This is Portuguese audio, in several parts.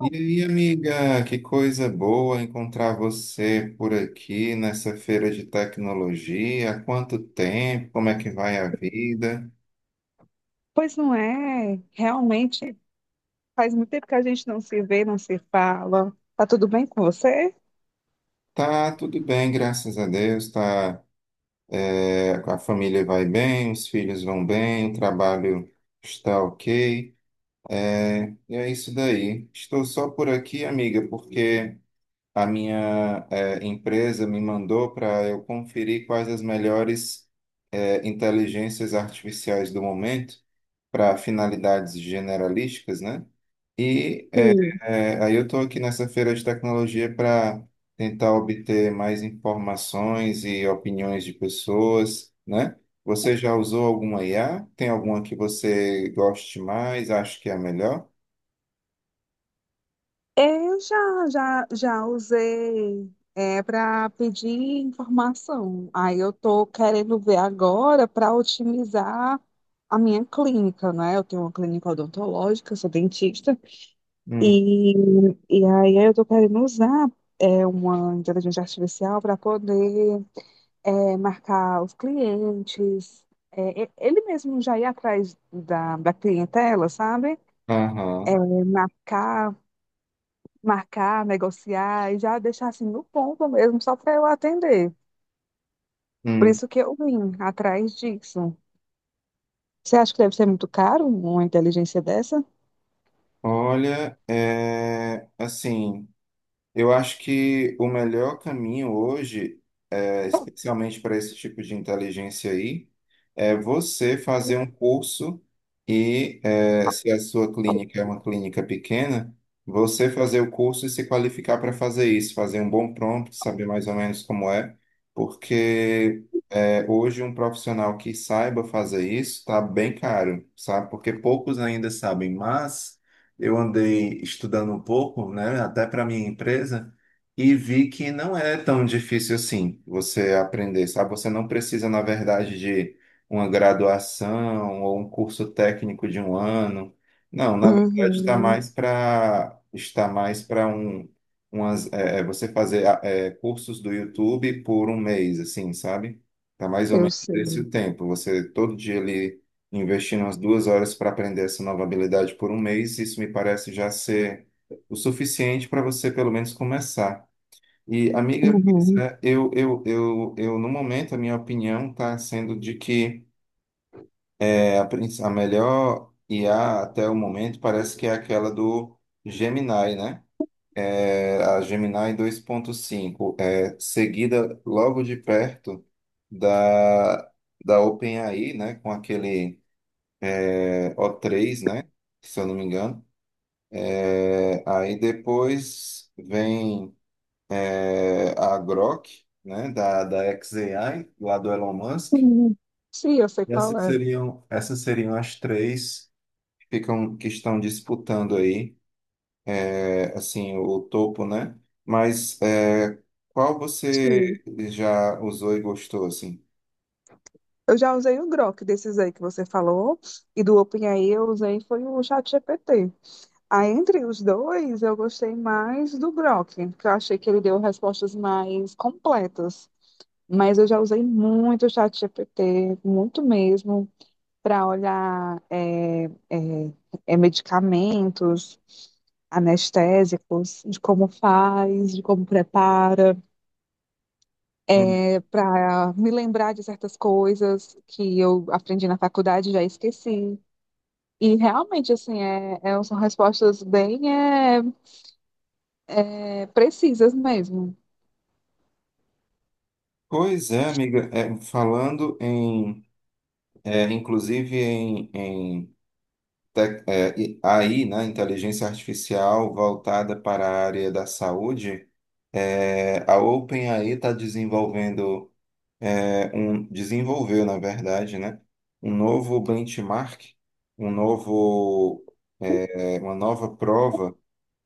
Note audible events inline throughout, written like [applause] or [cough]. E aí, amiga, que coisa boa encontrar você por aqui nessa feira de tecnologia. Há quanto tempo? Como é que vai a vida? Pois não é, realmente faz muito tempo que a gente não se vê, não se fala. Tá tudo bem com você? Tá tudo bem, graças a Deus. A família vai bem, os filhos vão bem, o trabalho está ok. E é isso daí. Estou só por aqui, amiga, porque a minha empresa me mandou para eu conferir quais as melhores inteligências artificiais do momento para finalidades generalísticas, né? E Sim. Aí eu estou aqui nessa feira de tecnologia para tentar obter mais informações e opiniões de pessoas, né? Você já usou alguma IA? Tem alguma que você goste mais, acha que é a melhor? Eu já, já usei para pedir informação. Aí eu tô querendo ver agora para otimizar a minha clínica, né? Eu tenho uma clínica odontológica, eu sou dentista, Hum. e, aí eu tô querendo usar uma inteligência artificial para poder marcar os clientes, ele mesmo já ir atrás da clientela, sabe? É, Aham. marcar, marcar, negociar e já deixar assim no ponto mesmo, só para eu atender. Por Hum. isso que eu vim atrás disso. Você acha que deve ser muito caro uma inteligência dessa? Assim, eu acho que o melhor caminho hoje especialmente para esse tipo de inteligência aí, é você fazer um curso se a sua clínica é uma clínica pequena, você fazer o curso e se qualificar para fazer isso, fazer um bom prompt, saber mais ou menos como é, porque hoje um profissional que saiba fazer isso está bem caro, sabe? Porque poucos ainda sabem, mas eu andei estudando um pouco, né, até para minha empresa. E vi que não é tão difícil assim você aprender, sabe? Você não precisa, na verdade, de uma graduação ou um curso técnico de um ano. Não, na verdade, Uhum, está mais para um você fazer cursos do YouTube por um mês, assim, sabe? Tá mais ou eu menos desse sei. o tempo. Você todo dia ali investindo umas duas horas para aprender essa nova habilidade por um mês, isso me parece já ser o suficiente para você pelo menos começar. E, amiga, pois Uhum. é, eu, no momento, a minha opinião está sendo de que a melhor IA até o momento parece que é aquela do Gemini, né? A Gemini 2.5 seguida logo de perto da, da OpenAI, né? Com aquele o três né? Se eu não me engano. Aí depois vem. A Grok, né, da xAI, lá do Elon Musk. Sim, Sim, eu sei E qual essas é. seriam, essas seriam as três que ficam, que estão disputando aí, é, assim, o topo, né? Mas é, Qual Sim. você já usou e gostou, assim? Eu já usei o Grok desses aí que você falou, e do OpenAI eu usei foi o ChatGPT. Aí, entre os dois, eu gostei mais do Grok, porque eu achei que ele deu respostas mais completas. Mas eu já usei muito o ChatGPT, muito mesmo, para olhar medicamentos, anestésicos, de como faz, de como prepara, Hum. Para me lembrar de certas coisas que eu aprendi na faculdade e já esqueci. E realmente, assim, são respostas bem precisas mesmo. Pois é, amiga, é, Falando inclusive em AI, né, inteligência artificial voltada para a área da saúde. A OpenAI está desenvolvendo, é, um, desenvolveu, na verdade, né, um novo benchmark, um novo, uma nova prova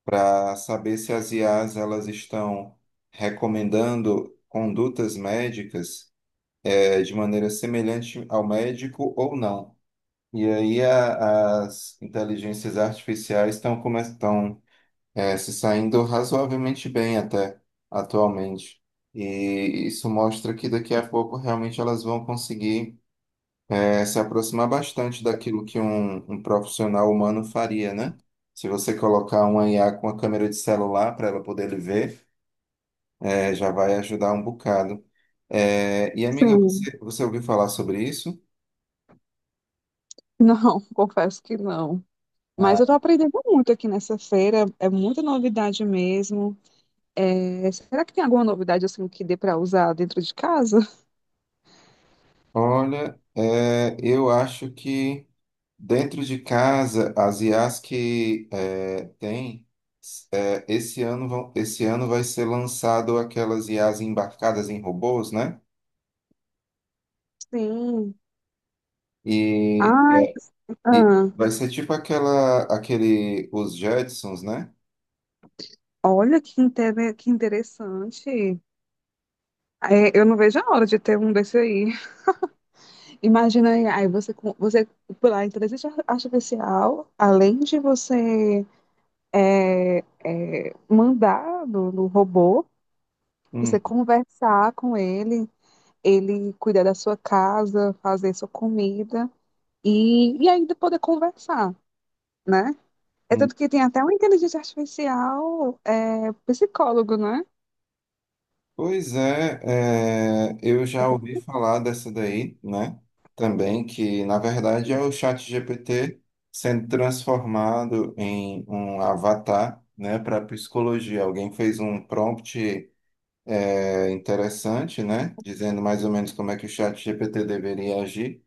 para saber se as IAs elas estão recomendando condutas médicas, de maneira semelhante ao médico ou não. E aí as inteligências artificiais estão começando, se saindo razoavelmente bem até atualmente. E isso mostra que daqui a pouco realmente elas vão conseguir, se aproximar bastante daquilo que um profissional humano faria, né? Se você colocar uma IA com a câmera de celular para ela poder lhe ver, é, já vai ajudar um bocado. E amiga, Sim. você ouviu falar sobre isso? Não, [laughs] confesso que não. Mas eu tô Ah. aprendendo muito aqui nessa feira, é muita novidade mesmo. É, será que tem alguma novidade, assim, que dê para usar dentro de casa? Eu acho que dentro de casa, as IAs que é, tem, é, esse esse ano vai ser lançado aquelas IAs embarcadas em robôs, né? Sim. E, Ai, é, e ah, vai ser tipo os Jetsons, né? olha que, que interessante. É, eu não vejo a hora de ter um desse aí. [laughs] Imagina aí, você por lá, inteligência artificial, além de você é, mandar do robô, você Hum. conversar com ele, ele cuidar da sua casa, fazer sua comida e ainda poder conversar, né? É tanto que tem até uma inteligência artificial psicólogo, né? Pois é, eu já ouvi falar dessa daí, né? Também que, na verdade, é o chat ChatGPT sendo transformado em um avatar, né, para psicologia. Alguém fez um prompt interessante, né, dizendo mais ou menos como é que o chat ChatGPT deveria agir.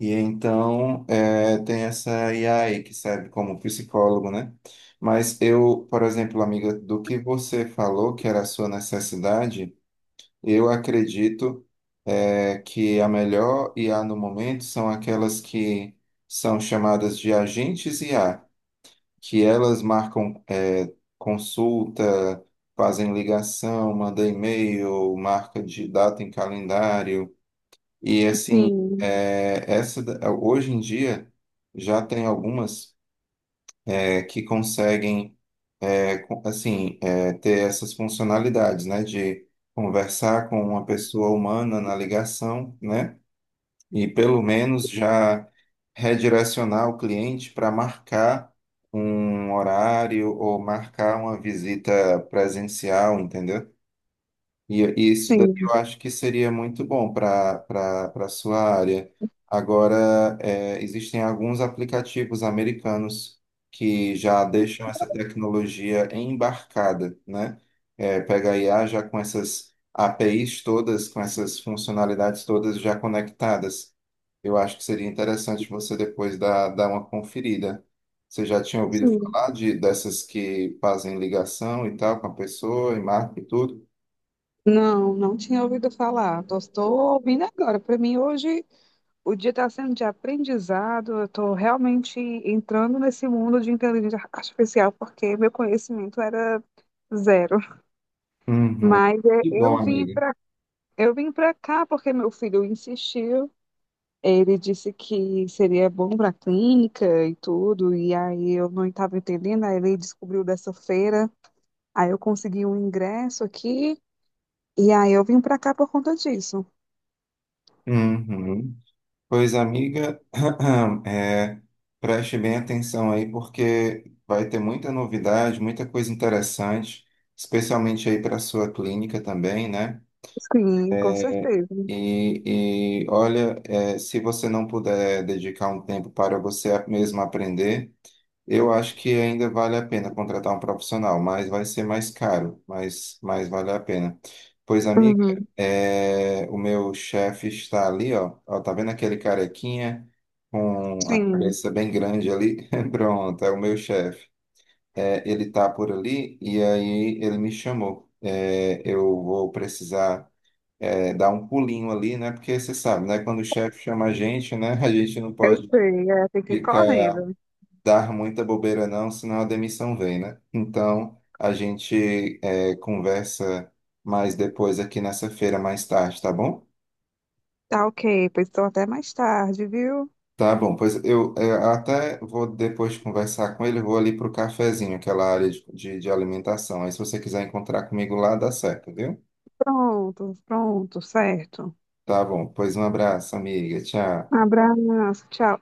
E então tem essa AI que serve como psicólogo, né? Mas eu, por exemplo, amiga, do que você falou que era a sua necessidade. Eu acredito que a melhor IA no momento são aquelas que são chamadas de agentes IA, que elas marcam consulta, fazem ligação, mandam e-mail, marca de data em calendário. E assim, Sim, hoje em dia já tem algumas que conseguem, assim, ter essas funcionalidades, né, de conversar com uma pessoa humana na ligação, né, e pelo menos já redirecionar o cliente para marcar um horário ou marcar uma visita presencial, entendeu? E isso daí eu sim, acho que seria muito bom para sua área. Agora, existem alguns aplicativos americanos que já deixam essa tecnologia embarcada, né? É, pega a IA já com essas APIs todas, com essas funcionalidades todas já conectadas. Eu acho que seria interessante você depois dar uma conferida. Você já tinha ouvido sim. falar dessas que fazem ligação e tal com a pessoa e marca e tudo? Não, não tinha ouvido falar. Estou ouvindo agora. Para mim, hoje o dia está sendo de aprendizado, eu estou realmente entrando nesse mundo de inteligência artificial, porque meu conhecimento era zero. Uhum. Mas é, Que bom, amiga. Eu vim para cá porque meu filho insistiu. Ele disse que seria bom para a clínica e tudo, e aí eu não estava entendendo, aí ele descobriu dessa feira, aí eu consegui um ingresso aqui, e aí eu vim para cá por conta disso. Uhum. Pois, amiga, [clears throat] é, preste bem atenção aí, porque vai ter muita novidade, muita coisa interessante, especialmente aí para a sua clínica também, né? Sim, com certeza. E olha, se você não puder dedicar um tempo para você mesmo aprender, eu acho que ainda vale a pena contratar um profissional, mas vai ser mais caro, mas vale a pena. Pois, amiga, Uhum, é, o meu chefe está ali, ó, ó, tá vendo aquele carequinha com a sim, cabeça bem grande ali? [laughs] Pronto, é o meu chefe. Ele tá por ali e aí ele me chamou. Eu vou precisar dar um pulinho ali, né? Porque você sabe, né? Quando o chefe chama a gente, né? [laughs] A gente não eu pode sei, é, tem que ir ficar correndo. dar muita bobeira não, senão a demissão vem, né? Então, a gente conversa mais depois aqui nessa feira, mais tarde, tá bom? Tá ok, pois estou até mais tarde, viu? Tá bom, pois eu até vou depois conversar com ele, eu vou ali pro cafezinho, aquela área de alimentação. Aí se você quiser encontrar comigo lá, dá certo, viu? Pronto, pronto, certo. Tá bom, pois um abraço, amiga. Tchau. Abraço, tchau.